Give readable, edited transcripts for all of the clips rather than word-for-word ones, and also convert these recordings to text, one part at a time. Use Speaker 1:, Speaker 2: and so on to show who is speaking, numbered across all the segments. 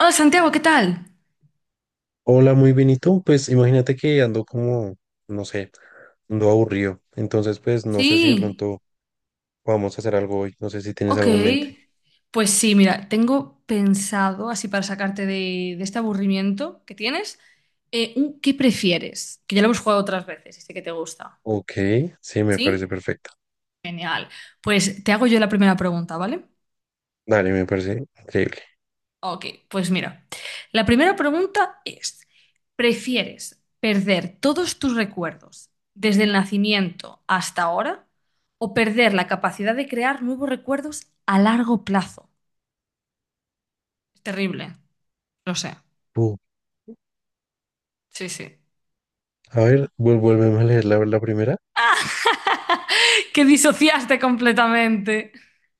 Speaker 1: Hola Santiago, ¿qué tal?
Speaker 2: Hola, muy bien, ¿y tú? Pues imagínate que ando como, no sé, ando aburrido. Entonces, pues no sé si de
Speaker 1: Sí,
Speaker 2: pronto vamos a hacer algo hoy. No sé si tienes
Speaker 1: ok.
Speaker 2: algo en mente.
Speaker 1: Pues sí, mira, tengo pensado, así para sacarte de este aburrimiento que tienes, un ¿qué prefieres? Que ya lo hemos jugado otras veces y sé que te gusta.
Speaker 2: Ok, sí, me parece
Speaker 1: ¿Sí?
Speaker 2: perfecto.
Speaker 1: Genial. Pues te hago yo la primera pregunta, ¿vale?
Speaker 2: Dale, me parece increíble.
Speaker 1: Ok, pues mira, la primera pregunta es, ¿prefieres perder todos tus recuerdos desde el nacimiento hasta ahora o perder la capacidad de crear nuevos recuerdos a largo plazo? Terrible, lo sé.
Speaker 2: Uh,
Speaker 1: Sí, sí.
Speaker 2: a ver, vuélveme a leer la primera.
Speaker 1: Que disociaste completamente.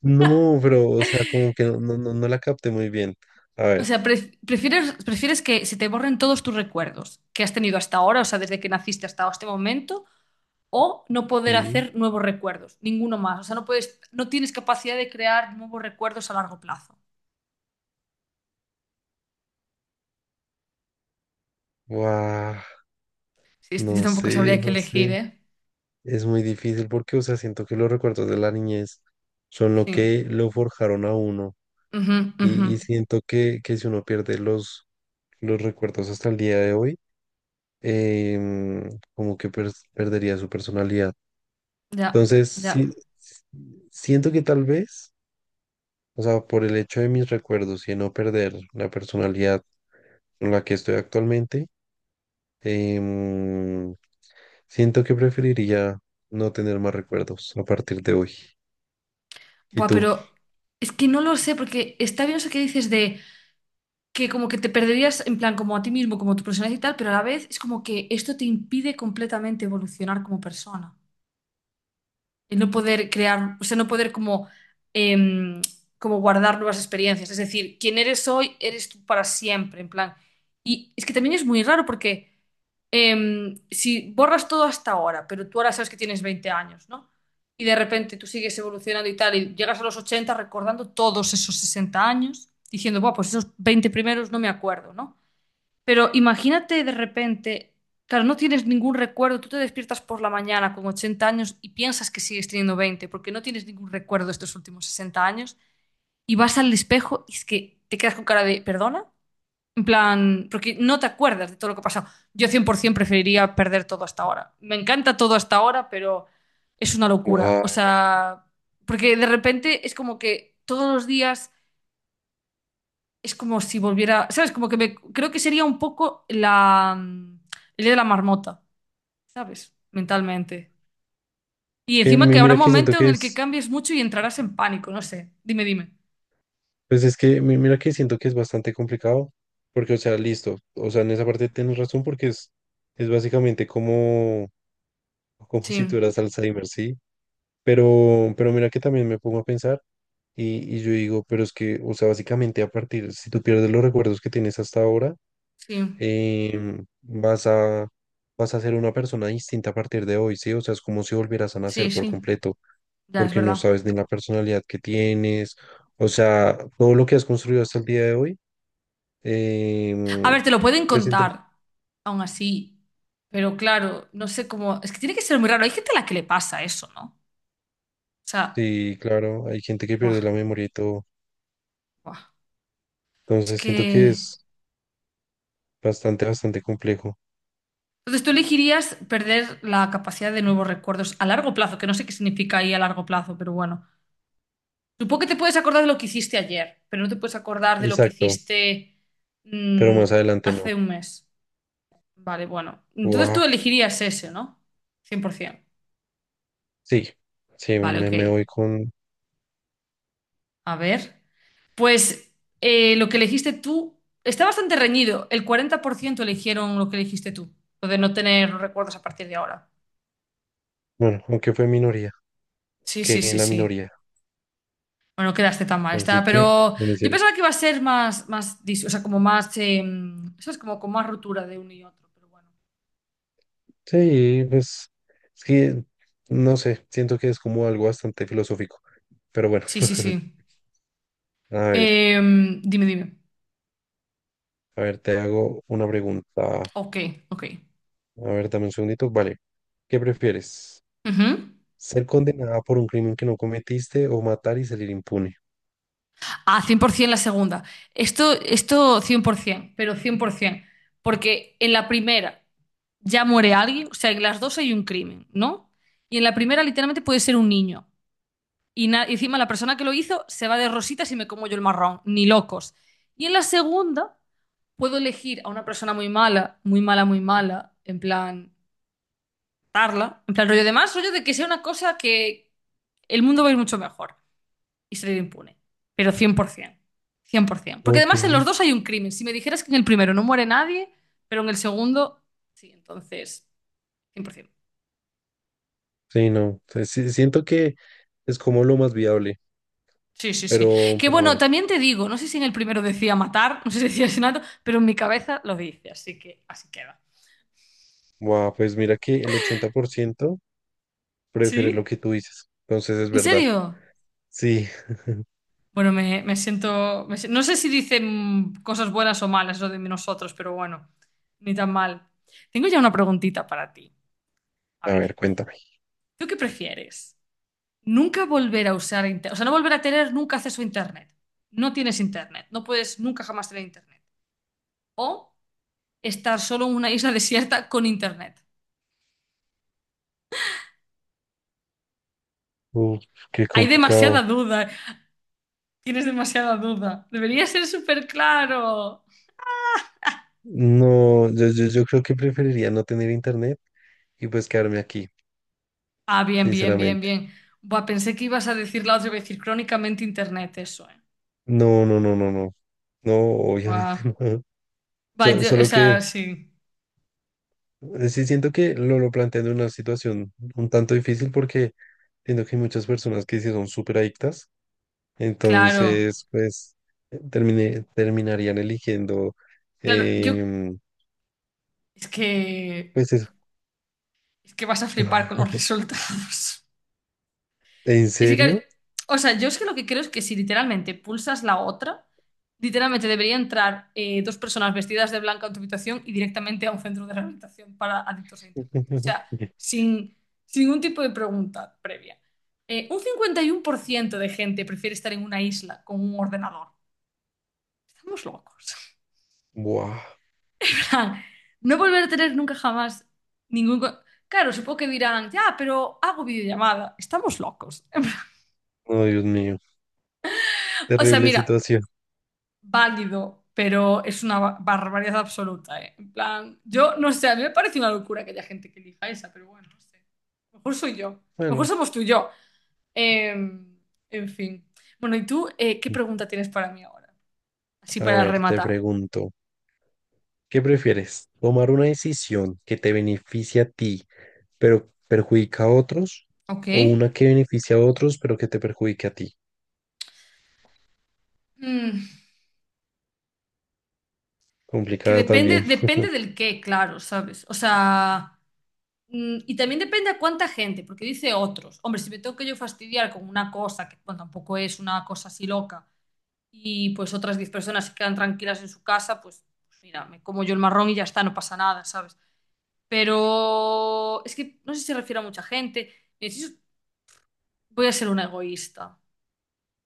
Speaker 2: No, pero, o sea, como que no la capté muy bien. A
Speaker 1: O
Speaker 2: ver,
Speaker 1: sea, prefieres que se te borren todos tus recuerdos que has tenido hasta ahora, o sea, desde que naciste hasta este momento, o no poder
Speaker 2: sí.
Speaker 1: hacer nuevos recuerdos, ninguno más. O sea, no puedes, no tienes capacidad de crear nuevos recuerdos a largo plazo.
Speaker 2: Guau,
Speaker 1: Sí, yo tampoco sabría qué
Speaker 2: no
Speaker 1: elegir,
Speaker 2: sé.
Speaker 1: ¿eh?
Speaker 2: Es muy difícil porque, o sea, siento que los recuerdos de la niñez son lo
Speaker 1: Sí.
Speaker 2: que lo forjaron a uno.
Speaker 1: Ujú, ujú.
Speaker 2: Y siento que si uno pierde los recuerdos hasta el día de hoy, como que perdería su personalidad.
Speaker 1: Ya,
Speaker 2: Entonces, sí,
Speaker 1: ya.
Speaker 2: s- siento que tal vez, o sea, por el hecho de mis recuerdos y de no perder la personalidad con la que estoy actualmente, em, siento que preferiría no tener más recuerdos a partir de hoy. ¿Y
Speaker 1: Buah,
Speaker 2: tú?
Speaker 1: pero es que no lo sé, porque está bien eso que dices de. Que como que te perderías en plan como a ti mismo, como tu personalidad y tal, pero a la vez es como que esto te impide completamente evolucionar como persona. El no poder crear, o sea, no poder como, em, como guardar nuevas experiencias. Es decir, quien eres hoy, eres tú para siempre, en plan. Y es que también es muy raro porque si borras todo hasta ahora, pero tú ahora sabes que tienes 20 años, ¿no? Y de repente tú sigues evolucionando y tal, y llegas a los 80 recordando todos esos 60 años, diciendo, bueno, pues esos 20 primeros no me acuerdo, ¿no? Pero imagínate de repente, claro, no tienes ningún recuerdo, tú te despiertas por la mañana con 80 años y piensas que sigues teniendo 20, porque no tienes ningún recuerdo de estos últimos 60 años y vas al espejo y es que te quedas con cara de, ¿perdona? En plan, porque no te acuerdas de todo lo que ha pasado. Yo 100% preferiría perder todo hasta ahora. Me encanta todo hasta ahora, pero es una locura.
Speaker 2: Wow.
Speaker 1: O sea, porque de repente es como que todos los días es como si volviera, ¿sabes? Como que creo que sería un poco el día de la marmota, ¿sabes? Mentalmente.
Speaker 2: Es
Speaker 1: Y
Speaker 2: que
Speaker 1: encima que habrá un
Speaker 2: mira que siento
Speaker 1: momento en
Speaker 2: que
Speaker 1: el que
Speaker 2: es...
Speaker 1: cambies mucho y entrarás en pánico, no sé. Dime, dime.
Speaker 2: Pues es que mira que siento que es bastante complicado, porque, o sea, listo, o sea, en esa parte tienes razón porque es básicamente como, como
Speaker 1: Sí,
Speaker 2: si tuvieras Alzheimer, ¿sí? Pero mira que también me pongo a pensar y yo digo, pero es que, o sea, básicamente a partir, si tú pierdes los recuerdos que tienes hasta ahora,
Speaker 1: sí,
Speaker 2: vas a, vas a ser una persona distinta a partir de hoy, ¿sí? O sea, es como si volvieras a
Speaker 1: sí,
Speaker 2: nacer por
Speaker 1: sí.
Speaker 2: completo,
Speaker 1: Ya es
Speaker 2: porque no
Speaker 1: verdad.
Speaker 2: sabes ni la personalidad que tienes, o sea, todo lo que has construido hasta el día de hoy.
Speaker 1: A
Speaker 2: Em,
Speaker 1: ver, te lo pueden
Speaker 2: pues
Speaker 1: contar, aún así. Pero claro, no sé cómo. Es que tiene que ser muy raro. Hay gente a la que le pasa eso, ¿no? O sea,
Speaker 2: sí, claro, hay gente que
Speaker 1: buah,
Speaker 2: pierde la memoria y todo.
Speaker 1: buah. Es
Speaker 2: Entonces siento que
Speaker 1: que.
Speaker 2: es bastante, bastante complejo.
Speaker 1: Entonces, tú elegirías perder la capacidad de nuevos recuerdos a largo plazo, que no sé qué significa ahí a largo plazo, pero bueno. Supongo que te puedes acordar de lo que hiciste ayer, pero no te puedes acordar de lo que
Speaker 2: Exacto,
Speaker 1: hiciste
Speaker 2: pero
Speaker 1: mm,
Speaker 2: más adelante no.
Speaker 1: hace un mes. Vale, bueno. Entonces tú
Speaker 2: Guau,
Speaker 1: elegirías ese, ¿no? 100%.
Speaker 2: sí, sí,
Speaker 1: Vale, ok.
Speaker 2: me voy con,
Speaker 1: A ver. Pues lo que elegiste tú está bastante reñido. El 40% eligieron lo que elegiste tú, lo de no tener recuerdos a partir de ahora.
Speaker 2: bueno, aunque fue minoría,
Speaker 1: Sí, sí,
Speaker 2: que en
Speaker 1: sí,
Speaker 2: la
Speaker 1: sí.
Speaker 2: minoría.
Speaker 1: Bueno, no quedaste tan mal, está.
Speaker 2: Así
Speaker 1: Pero
Speaker 2: que, no me
Speaker 1: yo
Speaker 2: sirve.
Speaker 1: pensaba que iba a ser más, o sea, como más, ¿sabes? Como con más rotura de uno y otro, pero bueno.
Speaker 2: Sí, pues, es que, no sé, siento que es como algo bastante filosófico. Pero bueno,
Speaker 1: Sí, sí, sí.
Speaker 2: a ver,
Speaker 1: Eh, dime, dime.
Speaker 2: a ver, te hago una pregunta.
Speaker 1: Ok, ok.
Speaker 2: A ver, dame un segundito. Vale, ¿qué prefieres?
Speaker 1: Ujú.
Speaker 2: Ser condenada por un crimen que no cometiste o matar y salir impune.
Speaker 1: Ah, 100% la segunda. Esto 100%, pero 100%. Porque en la primera ya muere alguien, o sea, en las dos hay un crimen, ¿no? Y en la primera literalmente puede ser un niño. Y y encima la persona que lo hizo se va de rositas y me como yo el marrón, ni locos. Y en la segunda... puedo elegir a una persona muy mala, muy mala, muy mala, en plan, tarla, en plan rollo de más, rollo de que sea una cosa que el mundo va a ir mucho mejor y salir impune, pero cien, por ciento, cien por 100%. Porque
Speaker 2: Ok.
Speaker 1: además en los dos hay un crimen. Si me dijeras que en el primero no muere nadie, pero en el segundo, sí, entonces, 100%.
Speaker 2: Sí, no. Sí, sí, siento que es como lo más viable,
Speaker 1: Sí, sí, sí. Que
Speaker 2: pero
Speaker 1: bueno,
Speaker 2: bueno.
Speaker 1: también te digo, no sé si en el primero decía matar, no sé si decía asesinato, pero en mi cabeza lo dice, así que así queda.
Speaker 2: Wow, pues mira que el 80% prefiere lo
Speaker 1: ¿Sí?
Speaker 2: que tú dices. Entonces es
Speaker 1: ¿En
Speaker 2: verdad.
Speaker 1: serio?
Speaker 2: Sí.
Speaker 1: Bueno, me siento. Me si- No sé si dicen cosas buenas o malas lo de nosotros, pero bueno, ni tan mal. Tengo ya una preguntita para ti. A
Speaker 2: A
Speaker 1: ver,
Speaker 2: ver, cuéntame.
Speaker 1: ¿tú qué prefieres? Nunca volver a usar internet. O sea, no volver a tener nunca acceso a internet. No tienes internet. No puedes nunca jamás tener internet. O estar solo en una isla desierta con internet.
Speaker 2: Uf, qué
Speaker 1: Hay demasiada
Speaker 2: complicado.
Speaker 1: duda. Tienes demasiada duda. Debería ser súper claro.
Speaker 2: No, yo creo que preferiría no tener internet y pues quedarme aquí,
Speaker 1: Ah, bien, bien, bien,
Speaker 2: sinceramente.
Speaker 1: bien. Buah, pensé que ibas a decir la otra vez, decir crónicamente internet, eso, eh.
Speaker 2: No, no, no, no, no. No, obviamente
Speaker 1: Buah.
Speaker 2: no.
Speaker 1: Buah, o
Speaker 2: Solo que
Speaker 1: sea, sí.
Speaker 2: Sí, siento que lo plantean en una situación un tanto difícil porque siento que hay muchas personas que sí son súper adictas,
Speaker 1: Claro.
Speaker 2: entonces pues terminarían eligiendo,
Speaker 1: Claro, yo
Speaker 2: em,
Speaker 1: es que
Speaker 2: pues eso,
Speaker 1: es que vas a flipar con los resultados.
Speaker 2: ¿en
Speaker 1: Es que, claro,
Speaker 2: serio?
Speaker 1: o sea, yo es que lo que creo es que si literalmente pulsas la otra, literalmente debería entrar dos personas vestidas de blanco a tu habitación y directamente a un centro de rehabilitación para adictos a Internet. O sea, sin, sin ningún tipo de pregunta previa. Un 51% de gente prefiere estar en una isla con un ordenador. Estamos locos.
Speaker 2: Buah,
Speaker 1: En plan, no volver a tener nunca jamás ningún... Claro, supongo que dirán, ya, pero hago videollamada. Estamos locos.
Speaker 2: no, Dios mío,
Speaker 1: O sea,
Speaker 2: terrible
Speaker 1: mira,
Speaker 2: situación.
Speaker 1: válido, pero es una barbaridad absoluta, ¿eh? En plan, yo no sé, a mí me parece una locura que haya gente que elija esa, pero bueno, no sé. A lo mejor soy yo, a lo mejor
Speaker 2: Bueno,
Speaker 1: somos tú y yo. Eh, en fin. Bueno, ¿y tú qué pregunta tienes para mí ahora? Así
Speaker 2: a
Speaker 1: para
Speaker 2: ver, te
Speaker 1: rematar,
Speaker 2: pregunto. ¿Qué prefieres? ¿Tomar una decisión que te beneficie a ti, pero perjudica a otros?
Speaker 1: ¿ok?
Speaker 2: ¿O una que beneficia a otros, pero que te perjudique a ti?
Speaker 1: Mm, que
Speaker 2: Complicada
Speaker 1: depende,
Speaker 2: también.
Speaker 1: depende del qué, claro, ¿sabes? O sea, y también depende a cuánta gente, porque dice otros. Hombre, si me tengo que yo fastidiar con una cosa, que bueno, tampoco es una cosa así loca y pues otras 10 personas se quedan tranquilas en su casa, pues, mira, me como yo el marrón y ya está, no pasa nada, ¿sabes? Pero es que no sé si se refiere a mucha gente. Mira, si voy a ser una egoísta,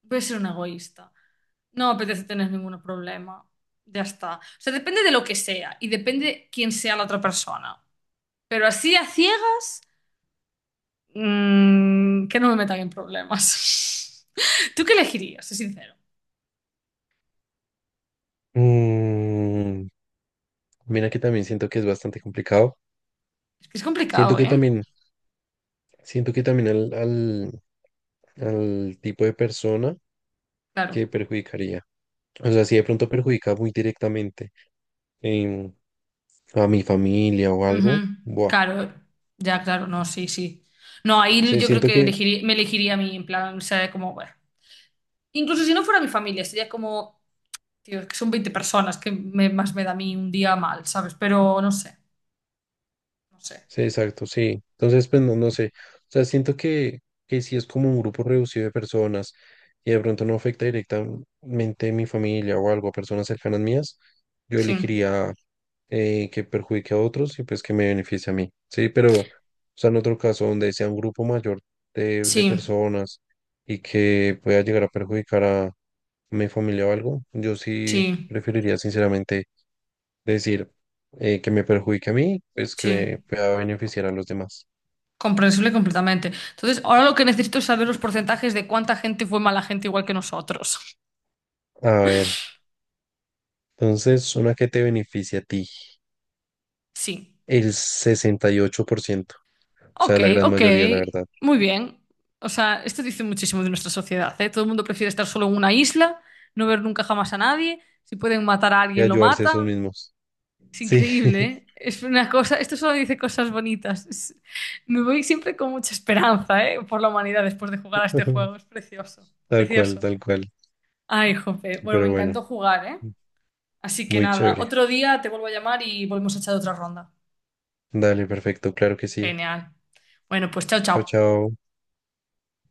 Speaker 1: voy a ser una egoísta. No me apetece tener ningún problema, ya está. O sea, depende de lo que sea y depende quién sea la otra persona. Pero así a ciegas, que no me metan en problemas. ¿Tú qué elegirías? Es sincero.
Speaker 2: Mm, mira que también siento que es bastante complicado.
Speaker 1: Es que es
Speaker 2: Siento
Speaker 1: complicado,
Speaker 2: que
Speaker 1: ¿eh?
Speaker 2: también, siento que también al tipo de persona
Speaker 1: Claro.
Speaker 2: que perjudicaría. O sea, si de pronto perjudica muy directamente em, a mi familia o algo,
Speaker 1: Ujú,
Speaker 2: buah.
Speaker 1: claro, ya, claro, no, sí, sí. No, ahí
Speaker 2: Sí,
Speaker 1: yo creo
Speaker 2: siento
Speaker 1: que
Speaker 2: que
Speaker 1: elegiría, me elegiría a mí, en plan, o sea, como, bueno. Incluso si no fuera mi familia, sería como, tío, es que son 20 personas, que más me da a mí un día mal, ¿sabes? Pero no sé, no sé.
Speaker 2: sí, exacto, sí. Entonces, pues no, no sé. O sea, siento que si es como un grupo reducido de personas y de pronto no afecta directamente a mi familia o algo, a personas cercanas mías, yo
Speaker 1: Sí,
Speaker 2: elegiría que perjudique a otros y pues que me beneficie a mí. Sí, pero, o sea, en otro caso, donde sea un grupo mayor de
Speaker 1: sí,
Speaker 2: personas y que pueda llegar a perjudicar a mi familia o algo, yo sí
Speaker 1: sí,
Speaker 2: preferiría sinceramente decir que me perjudique a mí, pues que
Speaker 1: sí.
Speaker 2: me pueda beneficiar a los demás.
Speaker 1: Comprensible completamente. Entonces, ahora lo que necesito es saber los porcentajes de cuánta gente fue mala gente igual que nosotros.
Speaker 2: A ver, entonces una que te beneficia a ti,
Speaker 1: Sí.
Speaker 2: el 68%, o
Speaker 1: Ok,
Speaker 2: sea, la gran
Speaker 1: ok,
Speaker 2: mayoría, la verdad,
Speaker 1: muy bien. O sea, esto dice muchísimo de nuestra sociedad, ¿eh? Todo el mundo prefiere estar solo en una isla, no ver nunca jamás a nadie. Si pueden matar a
Speaker 2: y
Speaker 1: alguien, lo
Speaker 2: ayudarse a
Speaker 1: matan.
Speaker 2: esos mismos.
Speaker 1: Es
Speaker 2: Sí,
Speaker 1: increíble, ¿eh? Es una cosa, esto solo dice cosas bonitas. Me voy siempre con mucha esperanza, ¿eh? Por la humanidad después de jugar a este juego. Es precioso,
Speaker 2: tal cual,
Speaker 1: precioso.
Speaker 2: tal cual.
Speaker 1: Ay, jope. Bueno, me
Speaker 2: Pero bueno,
Speaker 1: encantó jugar, ¿eh? Así que
Speaker 2: muy
Speaker 1: nada,
Speaker 2: chévere.
Speaker 1: otro día te vuelvo a llamar y volvemos a echar otra ronda.
Speaker 2: Dale, perfecto, claro que sí.
Speaker 1: Genial. Bueno, pues chao,
Speaker 2: Chao,
Speaker 1: chao.
Speaker 2: chao.